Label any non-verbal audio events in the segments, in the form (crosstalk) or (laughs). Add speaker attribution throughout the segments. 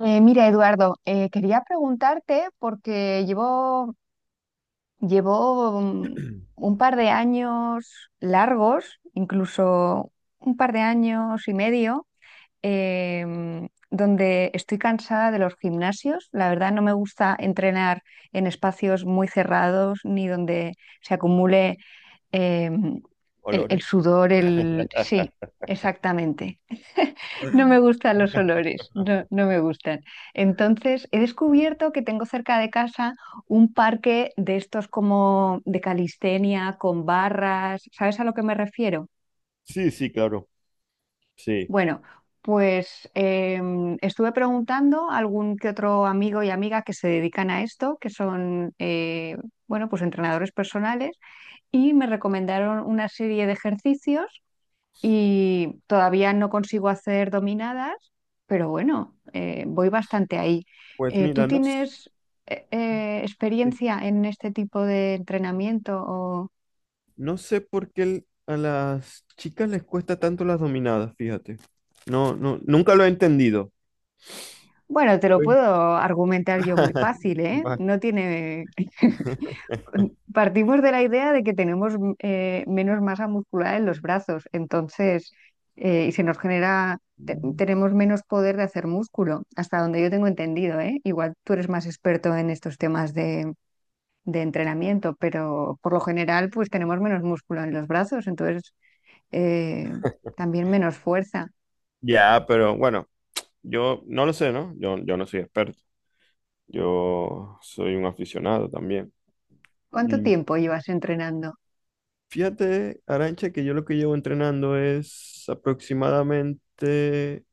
Speaker 1: Mira, Eduardo, quería preguntarte porque llevo un par de años largos, incluso un par de años y medio, donde estoy cansada de los gimnasios. La verdad, no me gusta entrenar en espacios muy cerrados ni donde se acumule eh, el
Speaker 2: Olores.
Speaker 1: sudor, el... Sí,
Speaker 2: (laughs)
Speaker 1: exactamente. (laughs) No me gustan los olores, no, no me gustan. Entonces, he descubierto que tengo cerca de casa un parque de estos como de calistenia, con barras, ¿sabes a lo que me refiero?
Speaker 2: Sí, sí, claro. Sí.
Speaker 1: Bueno, pues estuve preguntando a algún que otro amigo y amiga que se dedican a esto, que son, bueno, pues entrenadores personales, y me recomendaron una serie de ejercicios y todavía no consigo hacer dominadas, pero bueno, voy bastante ahí.
Speaker 2: Pues
Speaker 1: ¿Tú
Speaker 2: mira, no,
Speaker 1: tienes
Speaker 2: sí.
Speaker 1: experiencia en este tipo de entrenamiento? O...
Speaker 2: No sé por qué a las chicas les cuesta tanto las dominadas, fíjate. No, no, nunca lo he entendido.
Speaker 1: Bueno, te lo
Speaker 2: Uy.
Speaker 1: puedo argumentar yo muy fácil,
Speaker 2: (laughs)
Speaker 1: ¿eh?
Speaker 2: Vale.
Speaker 1: No tiene... (laughs) Partimos de la idea de que tenemos menos masa muscular en los brazos, entonces, y se nos genera, tenemos menos poder de hacer músculo, hasta donde yo tengo entendido, ¿eh? Igual tú eres más experto en estos temas de entrenamiento, pero por lo general, pues tenemos menos músculo en los brazos, entonces eh, también menos fuerza.
Speaker 2: Ya, pero bueno, yo no lo sé, ¿no? Yo no soy experto. Yo soy un aficionado también.
Speaker 1: ¿Cuánto
Speaker 2: Mm,
Speaker 1: tiempo llevas entrenando?
Speaker 2: Fíjate, Arancha, que yo lo que llevo entrenando es aproximadamente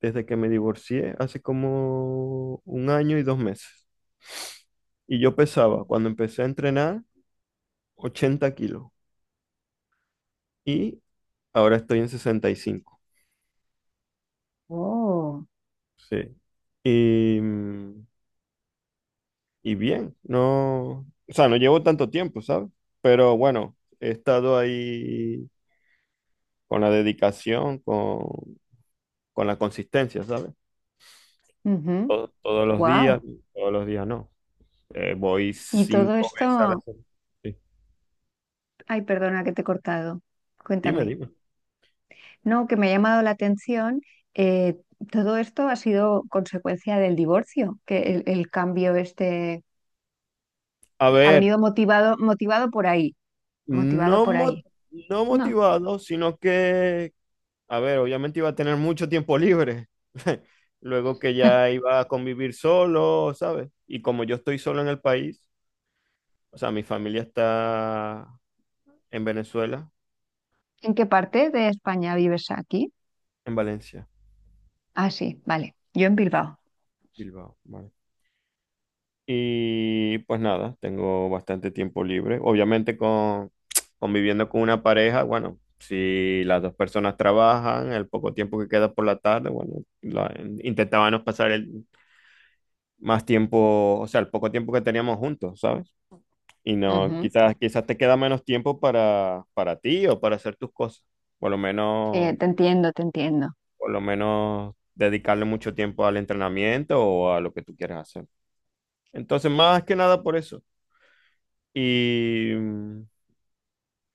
Speaker 2: desde que me divorcié hace como un año y 2 meses. Y yo pesaba, cuando empecé a entrenar, 80 kilos. Y ahora estoy en 65.
Speaker 1: Oh.
Speaker 2: Sí. Y, mm, y bien, no, o sea, no llevo tanto tiempo, ¿sabes? Pero bueno, he estado ahí con la dedicación, con la consistencia, ¿sabes? To- todos los días,
Speaker 1: Wow.
Speaker 2: todos los días no. Voy
Speaker 1: Y todo
Speaker 2: 5 veces a la
Speaker 1: esto,
Speaker 2: semana. Sí.
Speaker 1: ay, perdona que te he cortado.
Speaker 2: Dime,
Speaker 1: Cuéntame.
Speaker 2: dime.
Speaker 1: No, que me ha llamado la atención. Eh, todo esto ha sido consecuencia del divorcio, que el cambio este
Speaker 2: A
Speaker 1: ha
Speaker 2: ver,
Speaker 1: venido motivado, motivado por ahí, motivado
Speaker 2: No,
Speaker 1: por
Speaker 2: mo-
Speaker 1: ahí.
Speaker 2: no
Speaker 1: No.
Speaker 2: motivado, sino que, a ver, obviamente iba a tener mucho tiempo libre. (laughs) Luego que ya iba a convivir solo, ¿sabes? Y como yo estoy solo en el país, o sea, mi familia está en Venezuela,
Speaker 1: ¿En qué parte de España vives aquí?
Speaker 2: en Valencia,
Speaker 1: Ah, sí, vale. Yo en Bilbao.
Speaker 2: Bilbao, vale. Y pues nada, tengo bastante tiempo libre. Obviamente con conviviendo con una pareja, bueno, si las dos personas trabajan, el poco tiempo que queda por la tarde, bueno, intentábamos pasar el, más tiempo, o sea, el poco tiempo que teníamos juntos, ¿sabes? Y no,
Speaker 1: Ujú.
Speaker 2: quizás te queda menos tiempo para ti o para hacer tus cosas. Por lo
Speaker 1: Sí,
Speaker 2: menos,
Speaker 1: te entiendo, te entiendo.
Speaker 2: por lo menos dedicarle mucho tiempo al entrenamiento o a lo que tú quieras hacer. Entonces, más que nada por eso. Y,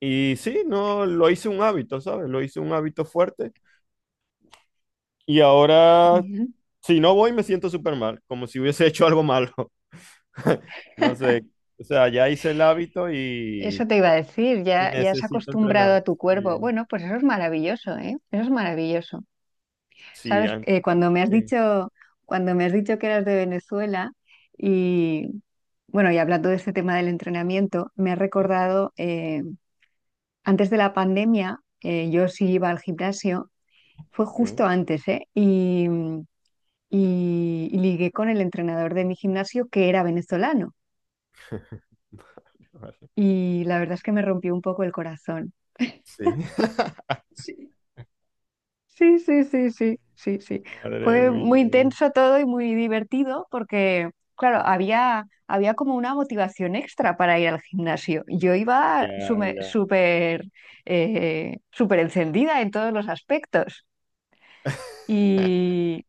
Speaker 2: y sí, no, lo hice un hábito, ¿sabes? Lo hice un hábito fuerte. Y ahora,
Speaker 1: Bien.
Speaker 2: si no voy, me siento súper mal, como si hubiese (laughs) hecho algo malo. (laughs) No sé. O sea, ya hice el hábito
Speaker 1: Eso
Speaker 2: y,
Speaker 1: te iba a decir,
Speaker 2: Y
Speaker 1: ya, ya has
Speaker 2: necesito
Speaker 1: acostumbrado
Speaker 2: entrenar.
Speaker 1: a tu cuerpo.
Speaker 2: Sí,
Speaker 1: Bueno, pues eso es maravilloso, ¿eh? Eso es maravilloso.
Speaker 2: Sí,
Speaker 1: ¿Sabes? Cuando me has
Speaker 2: sí,
Speaker 1: dicho, cuando me has dicho que eras de Venezuela y bueno, y hablando de este tema del entrenamiento, me ha
Speaker 2: sí.
Speaker 1: recordado antes de la pandemia, yo sí iba al gimnasio, fue
Speaker 2: Ok.
Speaker 1: justo antes, ¿eh? Y, y ligué con el entrenador de mi gimnasio que era venezolano
Speaker 2: (laughs) Vale, vale.
Speaker 1: y la verdad es que me rompió un poco el corazón.
Speaker 2: Sí. (laughs)
Speaker 1: Sí. Sí, sí, sí, sí, sí, sí.
Speaker 2: Madre
Speaker 1: Fue muy
Speaker 2: mía.
Speaker 1: intenso todo y muy divertido porque, claro, había, había como una motivación extra para ir al gimnasio. Yo iba
Speaker 2: Ya, ya.
Speaker 1: súper súper encendida en todos los aspectos.
Speaker 2: (laughs)
Speaker 1: Y,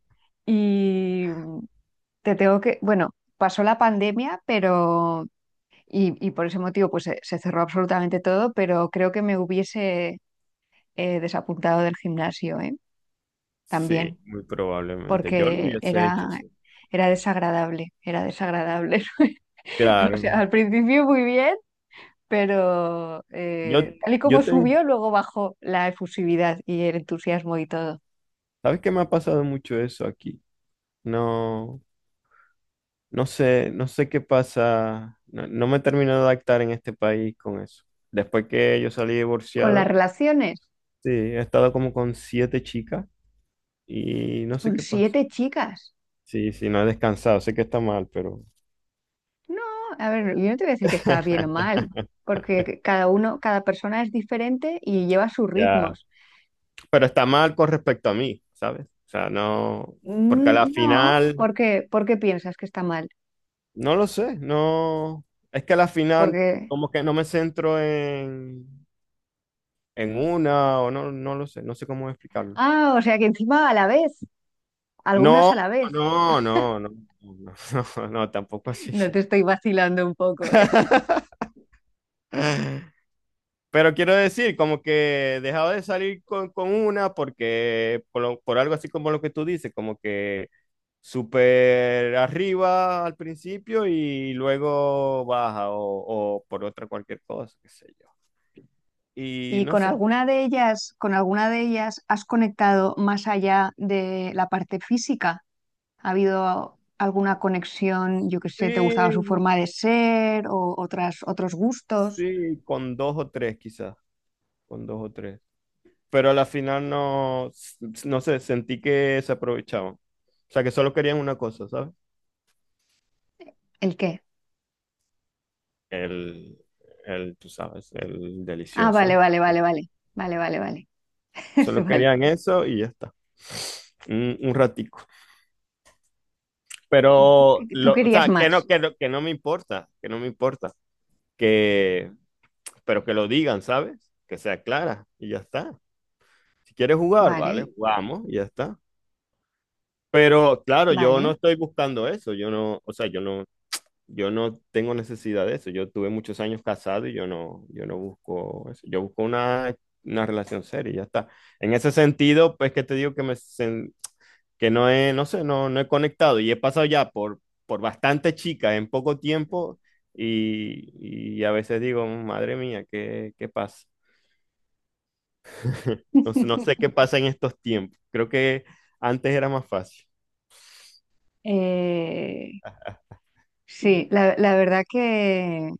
Speaker 1: y te tengo que, bueno, pasó la pandemia, pero, y por ese motivo pues se cerró absolutamente todo, pero creo que me hubiese desapuntado del gimnasio, ¿eh?
Speaker 2: Sí,
Speaker 1: También.
Speaker 2: muy probablemente. Yo lo
Speaker 1: Porque
Speaker 2: hubiese
Speaker 1: era,
Speaker 2: hecho, sí.
Speaker 1: era desagradable, era desagradable. (laughs) O
Speaker 2: Claro.
Speaker 1: sea, al principio muy bien, pero
Speaker 2: Yo,
Speaker 1: tal y
Speaker 2: yo
Speaker 1: como
Speaker 2: tengo,
Speaker 1: subió, luego bajó la efusividad y el entusiasmo y todo.
Speaker 2: ¿sabes qué me ha pasado mucho eso aquí? No, no sé, no sé qué pasa. No, no me termino de adaptar en este país con eso. Después que yo salí
Speaker 1: Con las
Speaker 2: divorciado,
Speaker 1: relaciones,
Speaker 2: sí, he estado como con 7 chicas. Y no sé
Speaker 1: con
Speaker 2: qué pasa.
Speaker 1: siete chicas.
Speaker 2: Sí, sí, no he descansado, sé que está mal, pero
Speaker 1: No, a ver, yo no te voy a decir que está bien o mal,
Speaker 2: (laughs)
Speaker 1: porque cada uno, cada persona es diferente y lleva sus
Speaker 2: ya.
Speaker 1: ritmos.
Speaker 2: Pero está mal con respecto a mí, ¿sabes? O sea, no, porque a la
Speaker 1: Mm, no,
Speaker 2: final,
Speaker 1: por qué piensas que está mal?
Speaker 2: no lo sé, no, es que a la final
Speaker 1: Porque,
Speaker 2: como que no me centro en una o no, no lo sé, no sé cómo explicarlo.
Speaker 1: ah, o sea que encima a la vez, algunas
Speaker 2: No,
Speaker 1: a la vez.
Speaker 2: no, no, no, no, no, (laughs) no, tampoco así.
Speaker 1: No te estoy vacilando un poco, ¿eh?
Speaker 2: (laughs) Pero quiero decir, como que he dejado de salir con una porque por, por algo así como lo que tú dices, como que súper arriba al principio y luego baja o por otra cualquier cosa, qué sé yo. Y
Speaker 1: ¿Y
Speaker 2: no
Speaker 1: con
Speaker 2: sé,
Speaker 1: alguna de ellas, con alguna de ellas has conectado más allá de la parte física? ¿Ha habido alguna conexión, yo qué sé, te gustaba su
Speaker 2: sí,
Speaker 1: forma de ser o otras, otros gustos?
Speaker 2: sí, con dos o tres quizás, con dos o tres. Pero a la final no, no sé, sentí que se aprovechaban. O sea, que solo querían una cosa, ¿sabes?
Speaker 1: ¿El qué?
Speaker 2: El, tú sabes, el
Speaker 1: Ah, vale,
Speaker 2: delicioso.
Speaker 1: vale, vale, vale, vale, vale, vale. (laughs)
Speaker 2: Solo
Speaker 1: Vale.
Speaker 2: querían eso y ya está. Un ratico.
Speaker 1: ¿Y tú,
Speaker 2: Pero,
Speaker 1: tú
Speaker 2: lo, o
Speaker 1: querías
Speaker 2: sea, que no,
Speaker 1: más?
Speaker 2: que no, que no me importa, que no me importa. Que, pero que lo digan, ¿sabes? Que sea clara y ya está. Si quieres jugar, vale,
Speaker 1: Vale,
Speaker 2: jugamos y ya está. Pero claro, yo no
Speaker 1: vale.
Speaker 2: estoy buscando eso. Yo no, o sea, yo no, yo no tengo necesidad de eso. Yo tuve muchos años casado y yo no, yo no busco eso. Yo busco una relación seria y ya está. En ese sentido, pues que te digo que me, que no he, no sé, no, no he conectado y he pasado ya por bastantes chicas en poco tiempo y a veces digo, madre mía, ¿qué, qué pasa? (laughs) No, no sé qué
Speaker 1: (laughs)
Speaker 2: pasa en estos tiempos. Creo que antes era más fácil.
Speaker 1: Eh, sí, la verdad que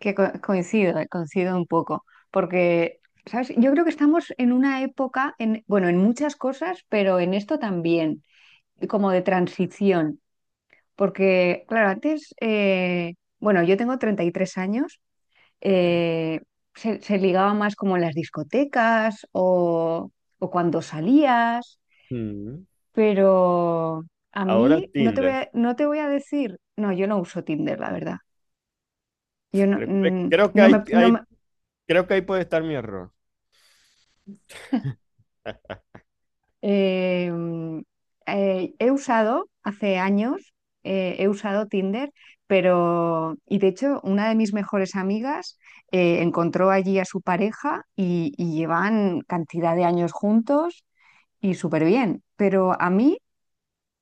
Speaker 1: Coincido, coincido un poco, porque, ¿sabes? Yo creo que estamos en una época, en, bueno, en muchas cosas, pero en esto también, como de transición, porque, claro, antes, bueno, yo tengo 33 años,
Speaker 2: Vale.
Speaker 1: eh, se, se ligaba más como en las discotecas o cuando salías,
Speaker 2: Mm.
Speaker 1: pero a
Speaker 2: Ahora
Speaker 1: mí no te voy
Speaker 2: Tinder.
Speaker 1: a, no te voy a decir, no, yo no uso Tinder, la verdad. Yo no,
Speaker 2: Creo, creo que
Speaker 1: no me, no
Speaker 2: hay,
Speaker 1: me-
Speaker 2: creo que ahí puede estar mi error.
Speaker 1: Eh, he usado hace años, he usado Tinder, pero, y de hecho, una de mis mejores amigas encontró allí a su pareja y llevan cantidad de años juntos y súper bien, pero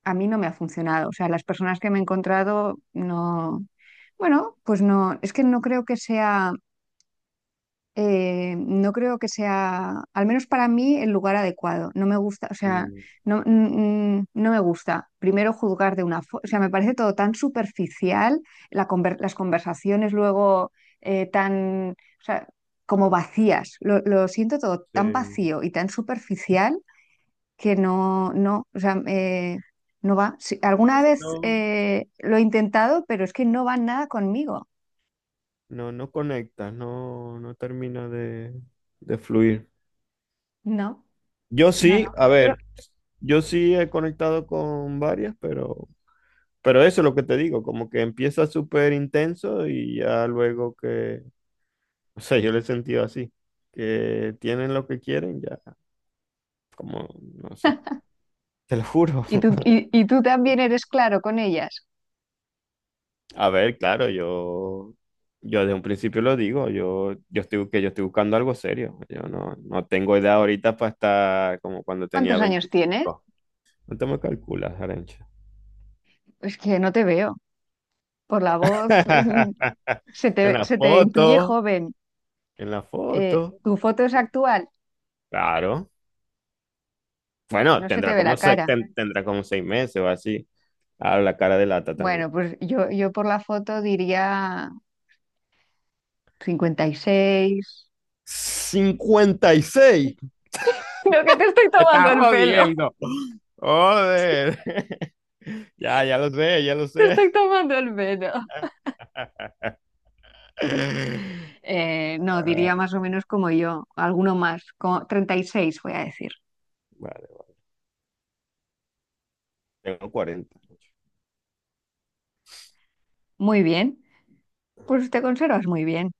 Speaker 1: a mí no me ha funcionado. O sea, las personas que me he encontrado no, bueno, pues no, es que no creo que sea no creo que sea, al menos para mí, el lugar adecuado. No me gusta, o sea,
Speaker 2: Mm,
Speaker 1: no, no me gusta primero juzgar de una forma, o sea, me parece todo tan superficial, las conversaciones luego tan, o sea, como vacías. Lo siento todo tan
Speaker 2: sí.
Speaker 1: vacío y tan superficial que no, no, o sea, no va. Sí,
Speaker 2: Sí,
Speaker 1: alguna
Speaker 2: sí,
Speaker 1: vez
Speaker 2: no,
Speaker 1: lo he intentado, pero es que no va nada conmigo.
Speaker 2: no, no conectas, no, no termina de fluir.
Speaker 1: No,
Speaker 2: Yo
Speaker 1: no,
Speaker 2: sí,
Speaker 1: no.
Speaker 2: a
Speaker 1: Pero
Speaker 2: ver, yo sí he conectado con varias, pero eso es lo que te digo, como que empieza súper intenso y ya luego que, (laughs) o sea, yo lo he sentido así, que tienen lo que quieren, ya, como, no sé, te lo juro.
Speaker 1: ¿y tú,
Speaker 2: (laughs)
Speaker 1: y tú también eres claro con ellas?
Speaker 2: A ver, claro, yo de un principio lo digo, yo estoy, que yo estoy buscando algo serio, yo no, no tengo edad ahorita para estar como cuando tenía
Speaker 1: ¿Cuántos años tienes?
Speaker 2: 25. No te me calculas, Arencha.
Speaker 1: Es que no te veo. Por la voz, (laughs)
Speaker 2: (laughs) En la
Speaker 1: se te
Speaker 2: foto.
Speaker 1: intuye joven.
Speaker 2: En la foto.
Speaker 1: ¿Tu foto es actual?
Speaker 2: Claro. Bueno,
Speaker 1: No se te
Speaker 2: tendrá
Speaker 1: ve la
Speaker 2: como,
Speaker 1: cara.
Speaker 2: tendrá como 6 meses o así. Ah, la cara de lata también.
Speaker 1: Bueno, pues yo por la foto diría 56. (laughs)
Speaker 2: 56.
Speaker 1: No, que te estoy
Speaker 2: Me
Speaker 1: tomando
Speaker 2: estás
Speaker 1: el pelo.
Speaker 2: jodiendo.
Speaker 1: (laughs) Sí,
Speaker 2: Joder. (laughs) Ya, ya lo sé, ya lo
Speaker 1: te
Speaker 2: sé.
Speaker 1: estoy tomando el pelo.
Speaker 2: (laughs)
Speaker 1: No,
Speaker 2: Ah,
Speaker 1: diría más o menos como yo, alguno más, como 36, voy a decir.
Speaker 2: vale, vale. Tengo 40.
Speaker 1: Muy bien, pues te conservas muy bien.